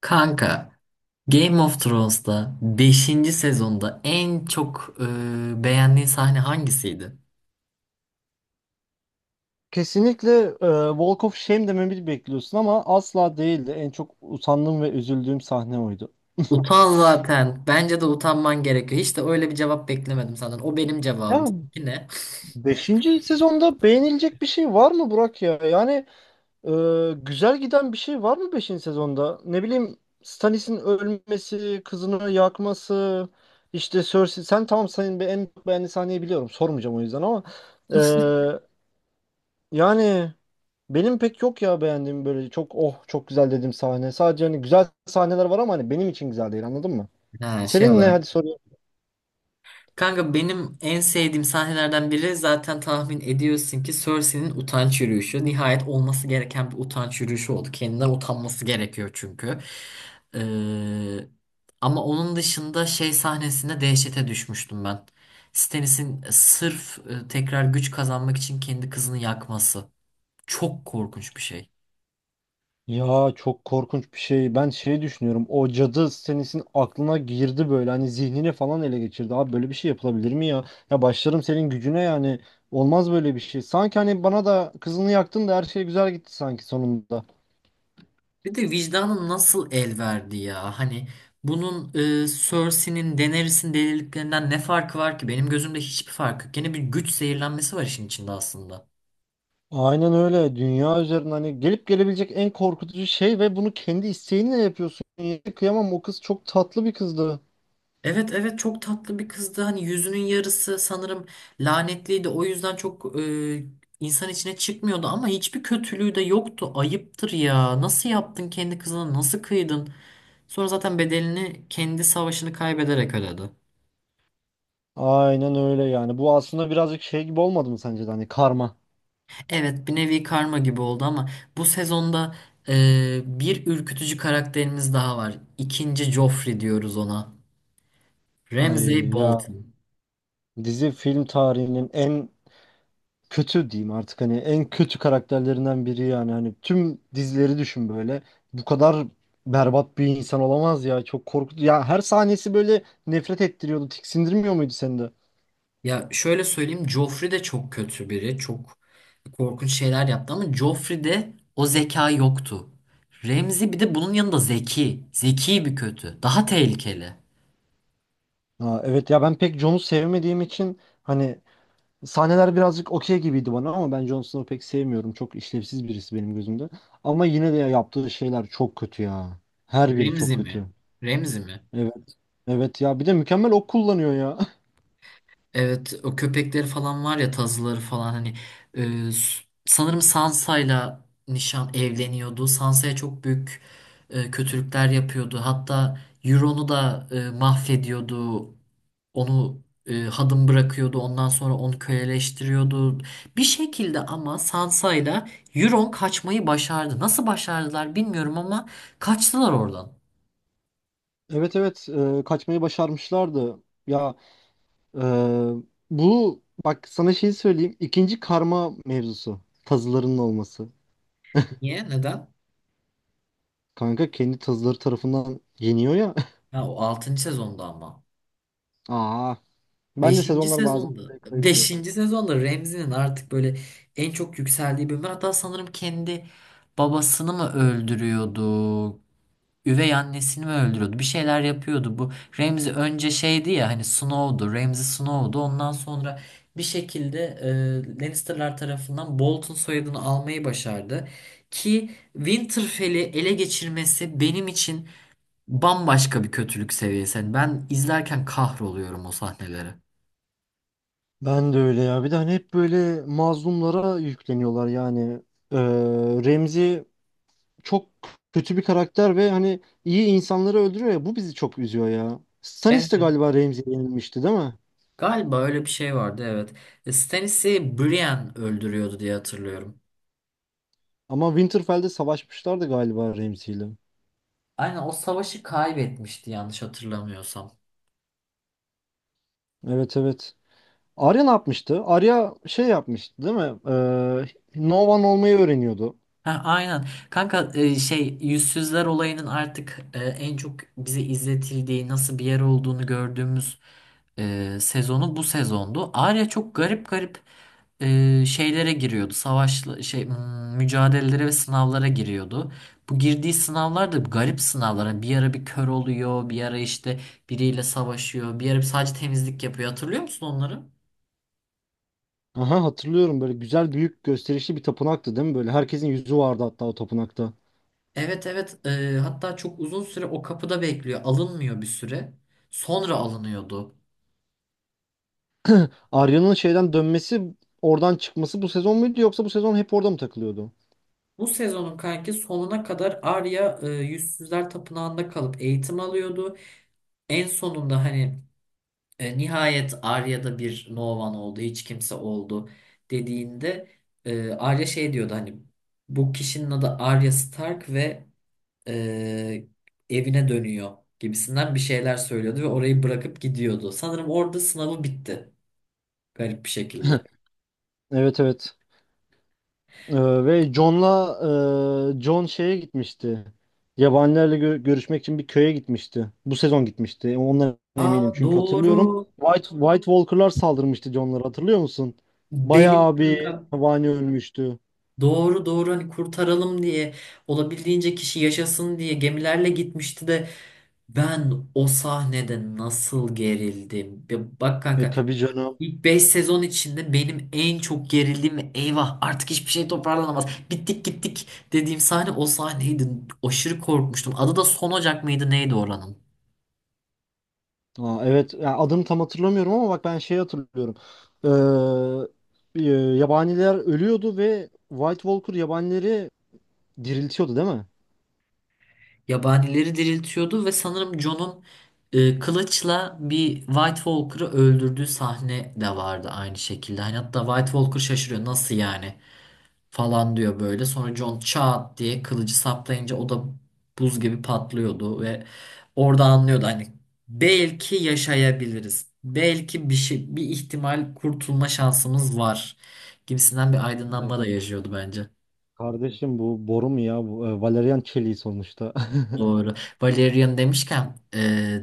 Kanka, Game of Thrones'ta beşinci sezonda en çok beğendiğin sahne hangisiydi? Kesinlikle Walk of Shame dememi bekliyorsun ama asla değildi. En çok utandığım ve üzüldüğüm sahne oydu. Utan zaten. Bence de utanman gerekiyor. Hiç de öyle bir cevap beklemedim senden. O benim Ya cevabım. Seninki ne? beşinci sezonda beğenilecek bir şey var mı Burak ya? E, Güzel giden bir şey var mı beşinci sezonda? Ne bileyim Stannis'in ölmesi, kızını yakması, işte Cersei. Sen tamam senin en beğendiğin sahneyi biliyorum. Sormayacağım o yüzden ama e, yani benim pek yok ya beğendiğim böyle çok oh çok güzel dediğim sahne. Sadece hani güzel sahneler var ama hani benim için güzel değil anladın mı? Ha, şey Senin ne, olarak hadi sorayım. Kanka benim en sevdiğim sahnelerden biri zaten tahmin ediyorsun ki Cersei'nin utanç yürüyüşü. Nihayet olması gereken bir utanç yürüyüşü oldu. Kendinden utanması gerekiyor çünkü. Ee, Ama onun dışında şey sahnesinde dehşete düşmüştüm ben. Stannis'in sırf tekrar güç kazanmak için kendi kızını yakması. Çok korkunç bir şey. Ya çok korkunç bir şey. Ben şey düşünüyorum. O cadı senesin aklına girdi böyle. Hani zihnini falan ele geçirdi. Abi böyle bir şey yapılabilir mi ya? Ya başlarım senin gücüne yani. Olmaz böyle bir şey. Sanki hani bana da kızını yaktın da her şey güzel gitti sanki sonunda. Bir de vicdanın nasıl el verdi ya? Hani bunun Cersei'nin Daenerys'in deliliklerinden ne farkı var ki? Benim gözümde hiçbir farkı yok. Gene bir güç zehirlenmesi var işin içinde aslında. Aynen öyle. Dünya üzerinde hani gelip gelebilecek en korkutucu şey ve bunu kendi isteğinle yapıyorsun. Yani kıyamam, o kız çok tatlı bir kızdı. Evet evet, çok tatlı bir kızdı. Hani yüzünün yarısı sanırım lanetliydi. O yüzden çok insan içine çıkmıyordu ama hiçbir kötülüğü de yoktu. Ayıptır ya. Nasıl yaptın kendi kızına? Nasıl kıydın? Sonra zaten bedelini kendi savaşını kaybederek ödedi. Aynen öyle yani. Bu aslında birazcık şey gibi olmadı mı sence de, hani karma. Evet, bir nevi karma gibi oldu ama bu sezonda bir ürkütücü karakterimiz daha var. İkinci Joffrey diyoruz ona. Ramsay Ay ya, Bolton. dizi film tarihinin en kötü diyeyim artık, hani en kötü karakterlerinden biri yani. Hani tüm dizileri düşün böyle. Bu kadar berbat bir insan olamaz ya. Çok korkutucu. Ya her sahnesi böyle nefret ettiriyordu. Tiksindirmiyor muydu seni de? Ya şöyle söyleyeyim, Joffrey de çok kötü biri. Çok korkunç şeyler yaptı ama Joffrey'de o zeka yoktu. Ramsay bir de bunun yanında zeki. Zeki bir kötü. Daha tehlikeli. Ha, evet ya, ben pek Jones'u sevmediğim için hani sahneler birazcık okey gibiydi bana, ama ben Jon Snow'u pek sevmiyorum. Çok işlevsiz birisi benim gözümde. Ama yine de ya, yaptığı şeyler çok kötü ya. Her biri çok Remzi mi? kötü. Remzi mi? Evet. Evet ya, bir de mükemmel ok kullanıyor ya. Evet, o köpekleri falan var ya, tazıları falan, hani sanırım Sansa'yla nişan evleniyordu. Sansa'ya çok büyük kötülükler yapıyordu. Hatta Euron'u da mahvediyordu. Onu hadım bırakıyordu. Ondan sonra onu köleleştiriyordu. Bir şekilde ama Sansa'yla Euron kaçmayı başardı. Nasıl başardılar bilmiyorum ama kaçtılar oradan. Evet, evet, kaçmayı başarmışlardı. Ya e, Bu bak, sana şeyi söyleyeyim. İkinci karma mevzusu. Tazılarının olması. Niye? Neden? Kanka kendi tazıları tarafından yeniyor ya. Ha, o altıncı sezonda ama. Aa, ben de Beşinci sezonlar bazen sezonda, böyle kayıyor. beşinci sezonda Remzi'nin artık böyle en çok yükseldiği bölüm. Hatta sanırım kendi babasını mı öldürüyordu, üvey annesini mi öldürüyordu, bir şeyler yapıyordu. Bu Ramsey önce şeydi ya, hani Snow'du, Ramsey Snow'du. Ondan sonra bir şekilde Lannister'lar tarafından Bolton soyadını almayı başardı. Ki Winterfell'i ele geçirmesi benim için bambaşka bir kötülük seviyesi. Yani ben izlerken kahroluyorum o sahneleri. Ben de öyle ya. Bir de hani hep böyle mazlumlara yükleniyorlar yani. Ee, Remzi çok kötü bir karakter ve hani iyi insanları öldürüyor ya. Bu bizi çok üzüyor ya. Stannis Evet. de galiba Remzi'ye yenilmişti değil mi? Galiba öyle bir şey vardı, evet. E, Stannis'i Brienne öldürüyordu diye hatırlıyorum. Ama Winterfell'de savaşmışlardı galiba Remzi'yle. Aynen, o savaşı kaybetmişti yanlış hatırlamıyorsam. Evet, evet. Arya ne yapmıştı? Arya şey yapmıştı değil mi? Novan olmayı öğreniyordu. Ha, aynen. Kanka şey, yüzsüzler olayının artık en çok bize izletildiği nasıl bir yer olduğunu gördüğümüz sezonu bu sezondu. Arya çok garip garip şeylere giriyordu. Savaş şey, hmm, mücadelelere ve sınavlara giriyordu. Bu girdiği sınavlar da garip sınavlar. Hani bir ara bir kör oluyor, bir ara işte biriyle savaşıyor, bir ara sadece temizlik yapıyor. Hatırlıyor musun onları? Aha, hatırlıyorum, böyle güzel büyük gösterişli bir tapınaktı değil mi? Böyle herkesin yüzü vardı hatta o tapınakta. Evet evet, hatta çok uzun süre o kapıda bekliyor. Alınmıyor bir süre. Sonra alınıyordu. Arya'nın şeyden dönmesi, oradan çıkması bu sezon muydu, yoksa bu sezon hep orada mı takılıyordu? Bu sezonun kanki sonuna kadar Arya Yüzsüzler Tapınağı'nda kalıp eğitim alıyordu. En sonunda hani nihayet Arya'da bir No One oldu, hiç kimse oldu dediğinde Arya şey diyordu, hani bu kişinin adı Arya Stark ve e, evine dönüyor gibisinden bir şeyler söylüyordu ve orayı bırakıp gidiyordu. Sanırım orada sınavı bitti. Garip bir şekilde. Evet, evet. Ve John'la John şeye gitmişti. Yabanilerle görüşmek için bir köye gitmişti. Bu sezon gitmişti. E, Ondan eminim Aa, çünkü hatırlıyorum. doğru. White Walker'lar saldırmıştı John'lara, hatırlıyor musun? Benim Bayağı bir kanka. yabani ölmüştü. Doğru doğru, hani kurtaralım diye olabildiğince kişi yaşasın diye gemilerle gitmişti de ben o sahnede nasıl gerildim. Ya bak E kanka, tabii canım. ilk 5 sezon içinde benim en çok gerildiğim ve eyvah artık hiçbir şey toparlanamaz. Bittik gittik dediğim sahne o sahneydi. Aşırı korkmuştum. Adı da Son Ocak mıydı neydi oranın? Aa, evet ya, adını tam hatırlamıyorum ama bak ben şeyi hatırlıyorum. Ee, e, Yabaniler ölüyordu ve White Walker yabanileri diriltiyordu değil mi? Yabanileri diriltiyordu ve sanırım Jon'un kılıçla bir White Walker'ı öldürdüğü sahne de vardı aynı şekilde. Hani hatta White Walker şaşırıyor, nasıl yani falan diyor böyle. Sonra Jon çat diye kılıcı saplayınca o da buz gibi patlıyordu ve orada anlıyordu, hani belki yaşayabiliriz. Belki bir şey, bir ihtimal kurtulma şansımız var gibisinden bir E, aydınlanma da yaşıyordu bence. Kardeşim bu boru mu ya? Bu, Valerian çeliği sonuçta. Doğru. Valerian demişken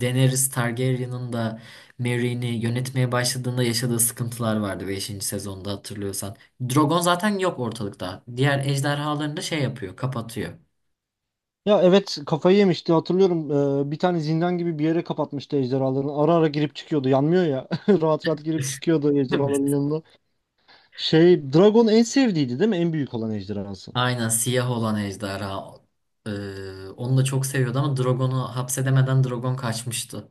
Daenerys Targaryen'ın da Merry'ni yönetmeye başladığında yaşadığı sıkıntılar vardı beşinci sezonda hatırlıyorsan. Drogon zaten yok ortalıkta. Diğer ejderhalarını da şey yapıyor, kapatıyor. Ya evet, kafayı yemişti hatırlıyorum. Bir tane zindan gibi bir yere kapatmıştı ejderhalarını. Ara ara girip çıkıyordu. Yanmıyor ya. Rahat rahat girip çıkıyordu ejderhaların Evet. yanına. Şey Dragon en sevdiğiydi değil mi? En büyük olan ejderhası. Aynen, siyah olan ejderha. E, Onu da çok seviyordu ama Drogon'u hapsedemeden Drogon kaçmıştı.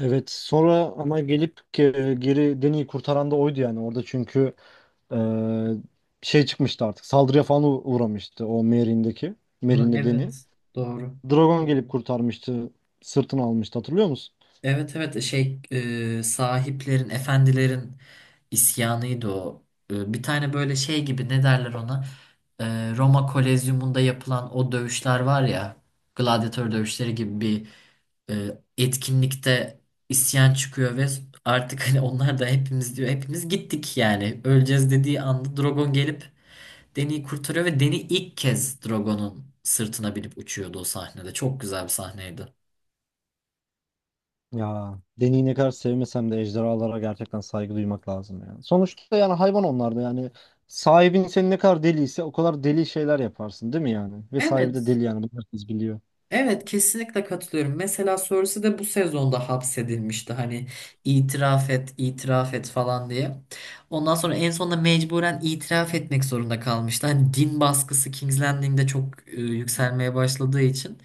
Evet, sonra ama gelip geri Deni'yi kurtaran da oydu yani orada. Çünkü e, şey çıkmıştı, artık saldırıya falan uğramıştı o Ama Merin'de Deni. evet, doğru. Dragon gelip kurtarmıştı, sırtını almıştı, hatırlıyor musun? Evet evet, sahiplerin, efendilerin isyanıydı o. E, bir tane böyle şey gibi, ne derler ona? E, Roma Kolezyumunda yapılan o dövüşler var ya, gladyatör dövüşleri gibi bir e, etkinlikte isyan çıkıyor ve artık hani onlar da hepimiz diyor, hepimiz gittik yani. Öleceğiz dediği anda Drogon gelip Deni'yi kurtarıyor ve Deni ilk kez Drogon'un sırtına binip uçuyordu o sahnede. Çok güzel bir sahneydi. Ya Deni'yi ne kadar sevmesem de ejderhalara gerçekten saygı duymak lazım yani. Sonuçta yani hayvan onlar da yani, sahibin seni ne kadar deliyse o kadar deli şeyler yaparsın değil mi yani? Ve sahibi de Evet. deli yani, bunu herkes biliyor. Evet, kesinlikle katılıyorum. Mesela Cersei de bu sezonda hapsedilmişti. Hani itiraf et, itiraf et falan diye. Ondan sonra en sonunda mecburen itiraf etmek zorunda kalmıştı. Hani din baskısı King's Landing'de çok yükselmeye başladığı için.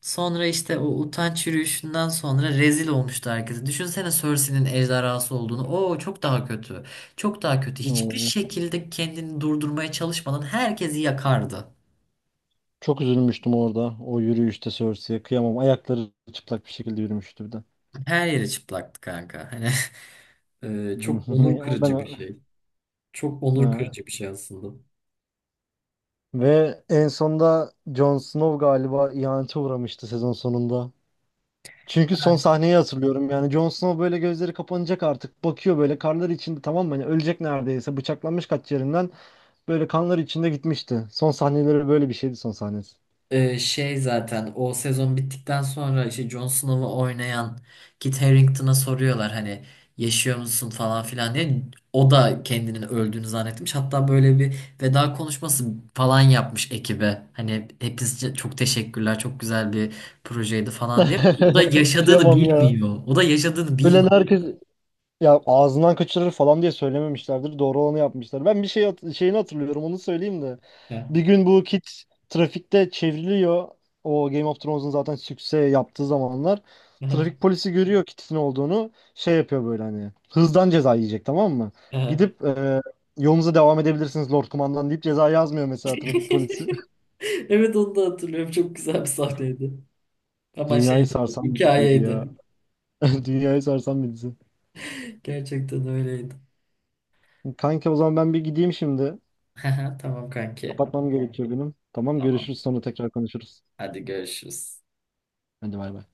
Sonra işte o utanç yürüyüşünden sonra rezil olmuştu herkese. Düşünsene Cersei'nin ejderhası olduğunu. Oo, çok daha kötü. Çok daha kötü. Hiçbir şekilde kendini durdurmaya çalışmadan herkesi yakardı. Çok üzülmüştüm orada. O yürüyüşte Cersei'ye kıyamam. Ayakları çıplak bir şekilde yürümüştü bir de. Her yeri çıplaktı kanka. Hani çok onur Ne o ben. kırıcı bir şey. Çok onur Ha. kırıcı bir şey aslında. Ve en sonda Jon Snow galiba ihanete uğramıştı sezon sonunda. Çünkü son sahneyi hatırlıyorum. Yani Jon Snow böyle, gözleri kapanacak artık. Bakıyor böyle karlar içinde, tamam mı? Hani ölecek neredeyse. Bıçaklanmış kaç yerinden. Böyle kanlar içinde gitmişti. Son sahneleri böyle bir şeydi, son sahnesi. Şey, zaten o sezon bittikten sonra işte Jon Snow'u oynayan Kit Harington'a soruyorlar, hani yaşıyor musun falan filan diye. O da kendinin öldüğünü zannetmiş. Hatta böyle bir veda konuşması falan yapmış ekibe. Hani hepinize çok teşekkürler, çok güzel bir projeydi falan diye. O da yaşadığını Kıyamam ya. bilmiyor. O da yaşadığını bilmiyor. Ölen herkes. Ya ağzından kaçırır falan diye söylememişlerdir. Doğru olanı yapmışlar. Ben bir şey şeyini hatırlıyorum. Onu söyleyeyim de. Bir gün bu Kit trafikte çevriliyor. O Game of Thrones'un zaten sükse yaptığı zamanlar. Trafik polisi görüyor Kit'in olduğunu. Şey yapıyor böyle hani. Hızdan ceza yiyecek, tamam mı? Gidip yolunuza devam edebilirsiniz Lord Kumandan deyip ceza yazmıyor mesela trafik polisi. Evet, onu da hatırlıyorum. Çok güzel bir sahneydi. Ama Dünyayı şeydi, sarsan bir diziydi hikayeydi. ya. Dünyayı sarsan bir dizi. Gerçekten öyleydi. Kanka o zaman ben bir gideyim şimdi. Tamam kanki. Kapatmam gerekiyor benim. Tamam, Tamam. görüşürüz, sonra tekrar konuşuruz. Hadi görüşürüz. Hadi bay bay.